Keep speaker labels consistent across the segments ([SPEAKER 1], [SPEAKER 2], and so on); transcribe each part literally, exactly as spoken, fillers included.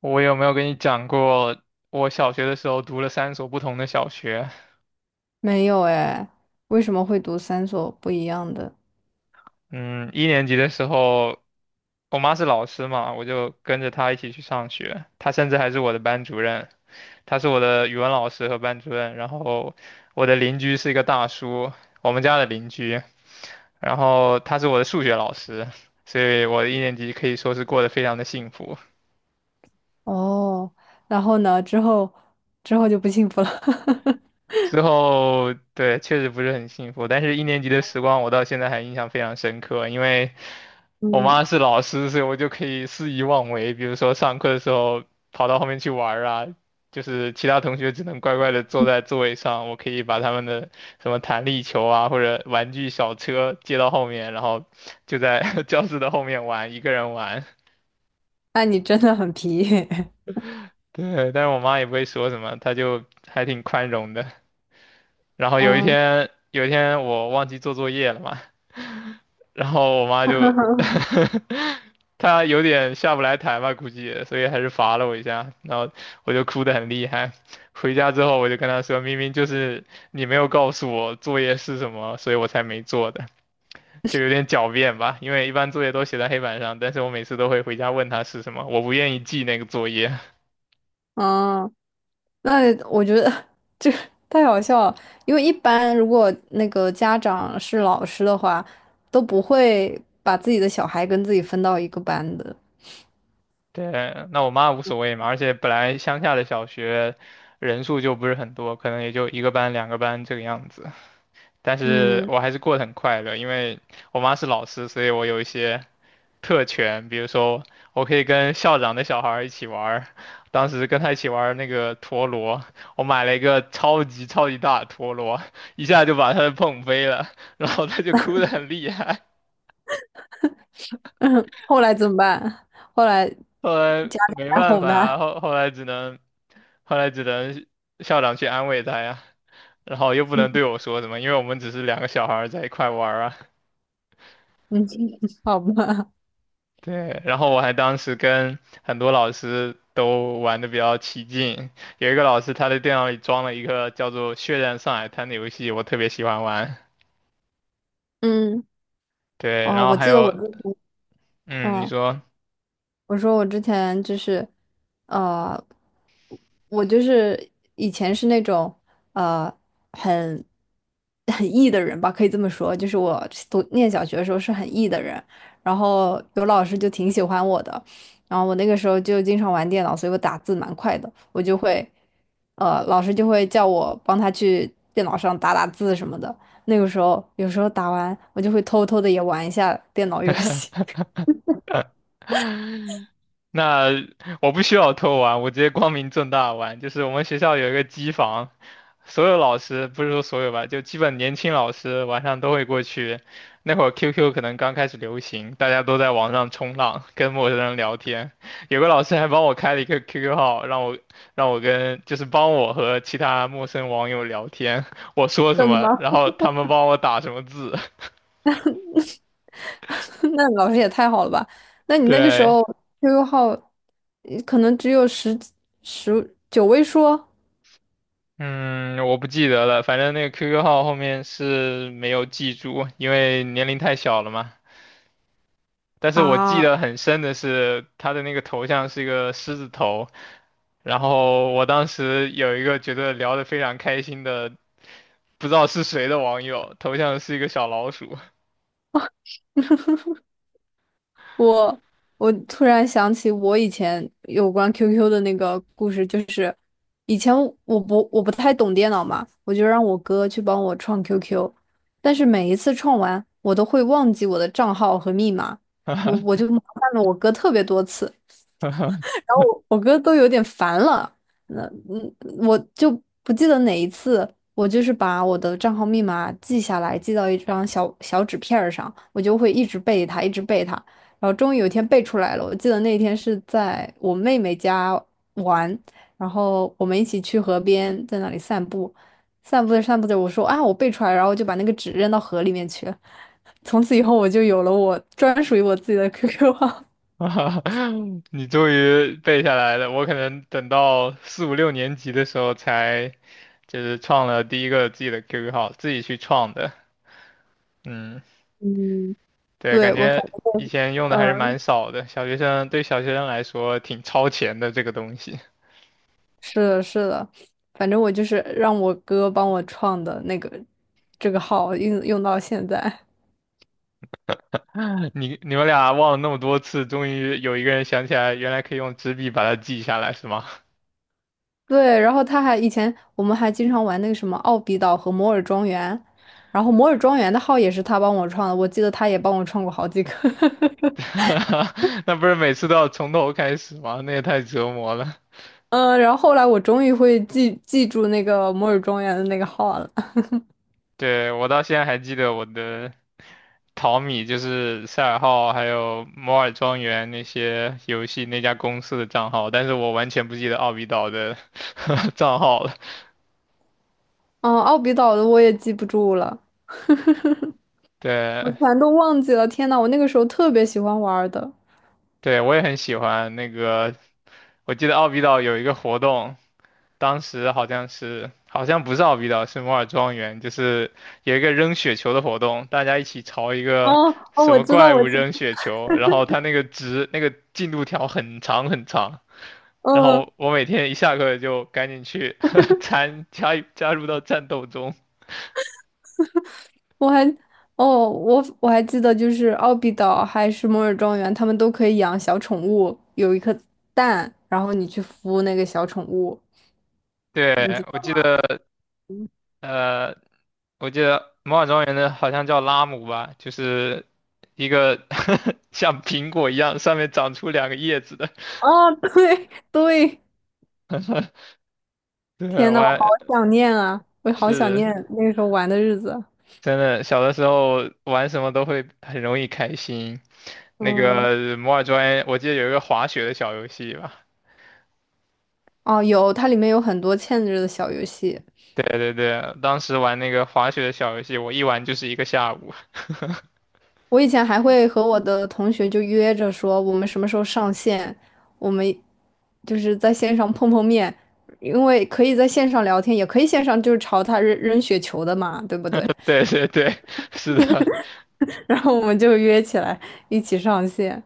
[SPEAKER 1] 我有没有跟你讲过，我小学的时候读了三所不同的小学？
[SPEAKER 2] 没有哎，为什么会读三所不一样的？
[SPEAKER 1] 嗯，一年级的时候，我妈是老师嘛，我就跟着她一起去上学。她甚至还是我的班主任，她是我的语文老师和班主任。然后我的邻居是一个大叔，我们家的邻居。然后他是我的数学老师，所以我的一年级可以说是过得非常的幸福。
[SPEAKER 2] 哦，然后呢，之后之后就不幸福了。
[SPEAKER 1] 之后，对，确实不是很幸福，但是一年级的时光我到现在还印象非常深刻，因为我
[SPEAKER 2] 嗯，
[SPEAKER 1] 妈是老师，所以我就可以肆意妄为，比如说上课的时候跑到后面去玩儿啊，就是其他同学只能乖乖的坐在座位上，我可以把他们的什么弹力球啊或者玩具小车接到后面，然后就在 教室的后面玩，一个人玩。
[SPEAKER 2] 那你真的很皮。
[SPEAKER 1] 对，但是我妈也不会说什么，她就还挺宽容的。然后有一
[SPEAKER 2] 嗯
[SPEAKER 1] 天，有一天我忘记做作业了嘛，然后我妈就 他有点下不来台吧，估计，所以还是罚了我一下，然后我就哭得很厉害。回家之后我就跟他说，明明就是你没有告诉我作业是什么，所以我才没做的，就有点狡辩吧。因为一般作业都写在黑板上，但是我每次都会回家问他是什么，我不愿意记那个作业。
[SPEAKER 2] 嗯，那我觉得 这个太好笑了，因为一般如果那个家长是老师的话，都不会把自己的小孩跟自己分到一个班的。
[SPEAKER 1] 对，那我妈无所谓嘛，而且本来乡下的小学人数就不是很多，可能也就一个班、两个班这个样子。但是
[SPEAKER 2] 嗯，
[SPEAKER 1] 我还是过得很快乐，因为我妈是老师，所以我有一些特权，比如说我可以跟校长的小孩儿一起玩儿当时跟他一起玩儿那个陀螺，我买了一个超级超级大的陀螺，一下就把他碰飞了，然后他就哭得很厉害，
[SPEAKER 2] 后来怎么办？后来家
[SPEAKER 1] 后来
[SPEAKER 2] 长
[SPEAKER 1] 没
[SPEAKER 2] 来
[SPEAKER 1] 办
[SPEAKER 2] 哄
[SPEAKER 1] 法啊，
[SPEAKER 2] 他。
[SPEAKER 1] 后后来只能后来只能校长去安慰他呀，然后又不能对 我说什么，因为我们只是两个小孩儿在一块玩儿啊。
[SPEAKER 2] 嗯，好吧。
[SPEAKER 1] 对，然后我还当时跟很多老师都玩的比较起劲，有一个老师他的电脑里装了一个叫做《血战上海滩》的游戏，我特别喜欢玩。
[SPEAKER 2] 嗯，
[SPEAKER 1] 对，
[SPEAKER 2] 哦，
[SPEAKER 1] 然后
[SPEAKER 2] 我
[SPEAKER 1] 还
[SPEAKER 2] 记得
[SPEAKER 1] 有，
[SPEAKER 2] 我之前，
[SPEAKER 1] 嗯，你
[SPEAKER 2] 嗯，
[SPEAKER 1] 说。
[SPEAKER 2] 我说我之前就是，呃，我就是以前是那种呃很很 E 的人吧，可以这么说，就是我读念小学的时候是很 E 的人，然后有老师就挺喜欢我的，然后我那个时候就经常玩电脑，所以我打字蛮快的，我就会，呃，老师就会叫我帮他去电脑上打打字什么的，那个时候有时候打完我就会偷偷的也玩一下电脑游戏。
[SPEAKER 1] 那我不需要偷玩，我直接光明正大玩。就是我们学校有一个机房，所有老师不是说所有吧，就基本年轻老师晚上都会过去。那会儿 Q Q 可能刚开始流行，大家都在网上冲浪，跟陌生人聊天。有个老师还帮我开了一个 Q Q 号，让我让我跟就是帮我和其他陌生网友聊天，我说什
[SPEAKER 2] 什
[SPEAKER 1] 么，
[SPEAKER 2] 么？
[SPEAKER 1] 然后他们帮我打什么字。
[SPEAKER 2] 那老师也太好了吧？那你那个时
[SPEAKER 1] 对，
[SPEAKER 2] 候 Q Q 号呃可能只有十几十九位数
[SPEAKER 1] 嗯，我不记得了，反正那个 Q Q 号后面是没有记住，因为年龄太小了嘛。但是我记
[SPEAKER 2] 啊！
[SPEAKER 1] 得很深的是他的那个头像是一个狮子头，然后我当时有一个觉得聊得非常开心的，不知道是谁的网友，头像是一个小老鼠。
[SPEAKER 2] 我我突然想起我以前有关 Q Q 的那个故事，就是以前我不我不太懂电脑嘛，我就让我哥去帮我创 Q Q，但是每一次创完，我都会忘记我的账号和密码，我我就麻烦了我哥特别多次。然后我我哥都有点烦了，那嗯，我就不记得哪一次，我就是把我的账号密码记下来，记到一张小小纸片儿上，我就会一直背它，一直背它，然后终于有一天背出来了。我记得那天是在我妹妹家玩，然后我们一起去河边，在那里散步，散步着散步着，我说啊，我背出来了然后就把那个纸扔到河里面去了。从此以后，我就有了我专属于我自己的 Q Q 号。
[SPEAKER 1] 你终于背下来了，我可能等到四五六年级的时候才就是创了第一个自己的 Q Q 号，自己去创的。嗯。
[SPEAKER 2] 嗯，
[SPEAKER 1] 对，
[SPEAKER 2] 对，
[SPEAKER 1] 感
[SPEAKER 2] 我
[SPEAKER 1] 觉
[SPEAKER 2] 反
[SPEAKER 1] 以
[SPEAKER 2] 正，
[SPEAKER 1] 前用的还是
[SPEAKER 2] 嗯，
[SPEAKER 1] 蛮少的，小学生对小学生来说挺超前的这个东西。
[SPEAKER 2] 是的，是的，反正我就是让我哥帮我创的那个这个号用用到现在。
[SPEAKER 1] 你你们俩忘了那么多次，终于有一个人想起来，原来可以用纸笔把它记下来，是吗？
[SPEAKER 2] 对，然后他还以前我们还经常玩那个什么奥比岛和摩尔庄园，然后摩尔庄园的号也是他帮我创的，我记得他也帮我创过好几个。
[SPEAKER 1] 那不是每次都要从头开始吗？那也太折磨了。
[SPEAKER 2] 嗯，然后后来我终于会记记住那个摩尔庄园的那个号了。
[SPEAKER 1] 对，我到现在还记得我的淘米，就是赛尔号还有摩尔庄园那些游戏那家公司的账号，但是我完全不记得奥比岛的 账号了。
[SPEAKER 2] 嗯，奥比岛的我也记不住了，
[SPEAKER 1] 对，
[SPEAKER 2] 我全都忘记了。天呐，我那个时候特别喜欢玩儿的。
[SPEAKER 1] 对，我也很喜欢那个。我记得奥比岛有一个活动，当时好像是好像不是奥比岛，是摩尔庄园，就是有一个扔雪球的活动，大家一起朝一
[SPEAKER 2] 哦
[SPEAKER 1] 个
[SPEAKER 2] 哦，
[SPEAKER 1] 什
[SPEAKER 2] 我
[SPEAKER 1] 么
[SPEAKER 2] 知道，
[SPEAKER 1] 怪
[SPEAKER 2] 我
[SPEAKER 1] 物
[SPEAKER 2] 知
[SPEAKER 1] 扔雪球，然后它那个值那个进度条很长很长，然
[SPEAKER 2] 嗯，
[SPEAKER 1] 后我每天一下课就赶紧去 参加加入到战斗中。
[SPEAKER 2] 我还哦，我我还记得，就是奥比岛还是摩尔庄园，他们都可以养小宠物，有一颗蛋，然后你去孵那个小宠物，你
[SPEAKER 1] 对，
[SPEAKER 2] 知
[SPEAKER 1] 我记
[SPEAKER 2] 道？
[SPEAKER 1] 得。呃，我记得魔法庄园的好像叫拉姆吧，就是一个 像苹果一样上面长出两个叶子的。
[SPEAKER 2] 哦，对 对，
[SPEAKER 1] 对，
[SPEAKER 2] 天
[SPEAKER 1] 我
[SPEAKER 2] 呐，我好
[SPEAKER 1] 还
[SPEAKER 2] 想念啊，我好想
[SPEAKER 1] 是的
[SPEAKER 2] 念那个时候玩的日子。
[SPEAKER 1] 真的，小的时候玩什么都会很容易开心。那
[SPEAKER 2] 嗯，
[SPEAKER 1] 个摩尔庄园，我记得有一个滑雪的小游戏吧。
[SPEAKER 2] 哦，有，它里面有很多嵌着的小游戏。
[SPEAKER 1] 对对对，当时玩那个滑雪的小游戏，我一玩就是一个下午。
[SPEAKER 2] 我以前还会和我的同学就约着说，我们什么时候上线，我们就是在线上碰碰面，因为可以在线上聊天，也可以线上就是朝他扔扔雪球的嘛，对不 对？
[SPEAKER 1] 对对对，是的，
[SPEAKER 2] 然后我们就约起来一起上线。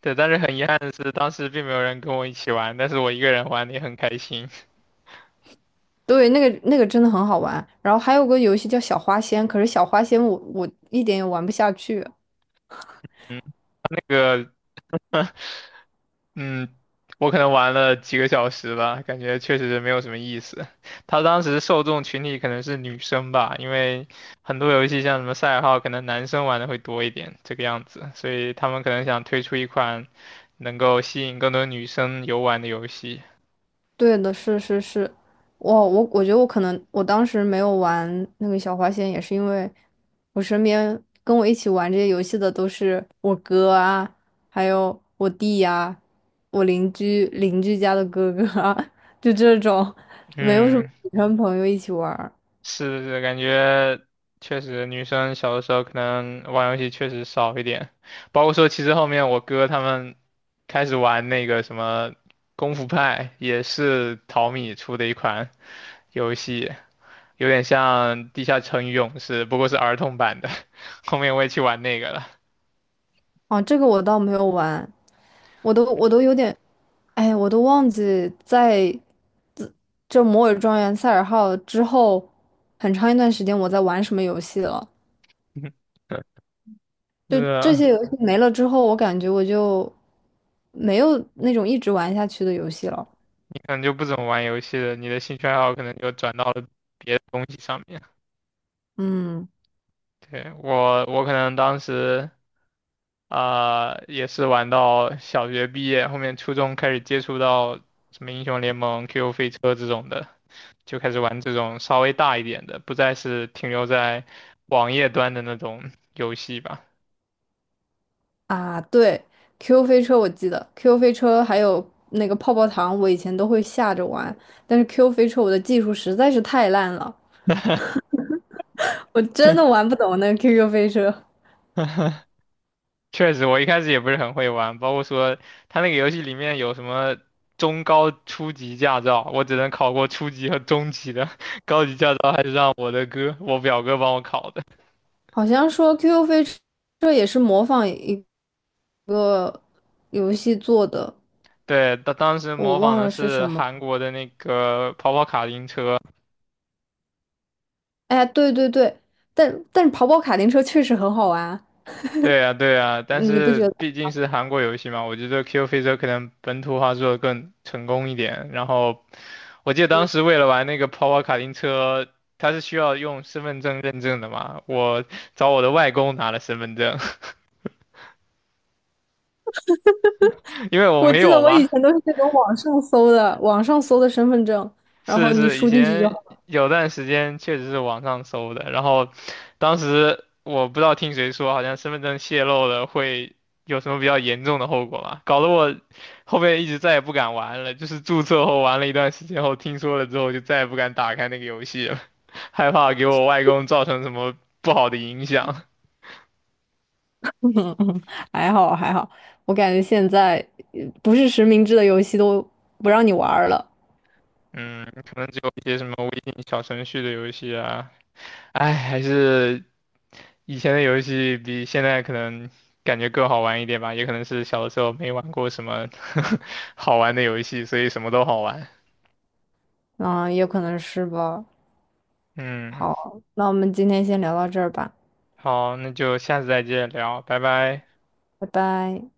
[SPEAKER 1] 对，但是很遗憾的是，当时并没有人跟我一起玩，但是我一个人玩的也很开心。
[SPEAKER 2] 对，那个那个真的很好玩。然后还有个游戏叫小花仙，可是小花仙我我一点也玩不下去。
[SPEAKER 1] 这个，嗯，我可能玩了几个小时吧，感觉确实没有什么意思。他当时受众群体可能是女生吧，因为很多游戏像什么赛尔号，可能男生玩的会多一点，这个样子，所以他们可能想推出一款能够吸引更多女生游玩的游戏。
[SPEAKER 2] 对的，是是是，我我我觉得我可能我当时没有玩那个小花仙，也是因为我身边跟我一起玩这些游戏的都是我哥啊，还有我弟呀、啊我邻居邻居家的哥哥啊，就这种，没有什么
[SPEAKER 1] 嗯，
[SPEAKER 2] 女生朋友一起玩儿
[SPEAKER 1] 是是，感觉确实女生小的时候可能玩游戏确实少一点，包括说其实后面我哥他们开始玩那个什么功夫派，也是淘米出的一款游戏，有点像《地下城与勇士》，不过是儿童版的。后面我也去玩那个了。
[SPEAKER 2] 哦，这个我倒没有玩，我都我都有点，哎，我都忘记在自这《摩尔庄园》《塞尔号》之后很长一段时间我在玩什么游戏了。
[SPEAKER 1] 是
[SPEAKER 2] 就这
[SPEAKER 1] 啊，
[SPEAKER 2] 些游戏没了之后，我感觉我就没有那种一直玩下去的游戏了。
[SPEAKER 1] 你可能就不怎么玩游戏了，你的兴趣爱好可能就转到了别的东西上面。
[SPEAKER 2] 嗯
[SPEAKER 1] 对，我，我可能当时。啊、也是玩到小学毕业，后面初中开始接触到什么英雄联盟、Q Q 飞车这种的，就开始玩这种稍微大一点的，不再是停留在网页端的那种游戏吧。
[SPEAKER 2] 啊，对，Q q 飞车我记得，Q q 飞车还有那个泡泡糖，我以前都会下着玩，但是 Q 飞车我的技术实在是太烂了，我真的玩不懂那个 Q Q 飞车。
[SPEAKER 1] 确实，我一开始也不是很会玩，包括说他那个游戏里面有什么中高初级驾照，我只能考过初级和中级的，高级驾照还是让我的哥，我表哥帮我考的。
[SPEAKER 2] 好像说 Q Q 飞车也是模仿一个游戏做的，
[SPEAKER 1] 对，他当时
[SPEAKER 2] 我
[SPEAKER 1] 模仿
[SPEAKER 2] 忘
[SPEAKER 1] 的
[SPEAKER 2] 了是
[SPEAKER 1] 是
[SPEAKER 2] 什么。
[SPEAKER 1] 韩国的那个跑跑卡丁车。
[SPEAKER 2] 哎，对对对，但但是跑跑卡丁车确实很好玩，
[SPEAKER 1] 对呀，对呀，但
[SPEAKER 2] 你不
[SPEAKER 1] 是
[SPEAKER 2] 觉得？
[SPEAKER 1] 毕竟是韩国游戏嘛，我觉得 Q 飞车可能本土化做的更成功一点。然后我记得当时为了玩那个跑跑卡丁车，它是需要用身份证认证的嘛，我找我的外公拿了身份证，因为我
[SPEAKER 2] 我
[SPEAKER 1] 没
[SPEAKER 2] 记得
[SPEAKER 1] 有
[SPEAKER 2] 我以
[SPEAKER 1] 嘛。
[SPEAKER 2] 前都是那种网上搜的，网上搜的身份证，然
[SPEAKER 1] 是
[SPEAKER 2] 后你
[SPEAKER 1] 是，以
[SPEAKER 2] 输进去就
[SPEAKER 1] 前
[SPEAKER 2] 好
[SPEAKER 1] 有段时间确实是网上搜的，然后当时我不知道听谁说，好像身份证泄露了会有什么比较严重的后果嘛，搞得我后面一直再也不敢玩了，就是注册后玩了一段时间后，听说了之后就再也不敢打开那个游戏了，害怕给我外公造成什么不好的影响。
[SPEAKER 2] 还好还好，我感觉现在呃不是实名制的游戏都不让你玩儿了。
[SPEAKER 1] 嗯，可能只有一些什么微信小程序的游戏啊，哎，还是以前的游戏比现在可能感觉更好玩一点吧，也可能是小的时候没玩过什么 好玩的游戏，所以什么都好玩。
[SPEAKER 2] 嗯，也可能是吧。
[SPEAKER 1] 嗯，
[SPEAKER 2] 好，那我们今天先聊到这儿吧，
[SPEAKER 1] 好，那就下次再见聊，拜拜。
[SPEAKER 2] 拜拜。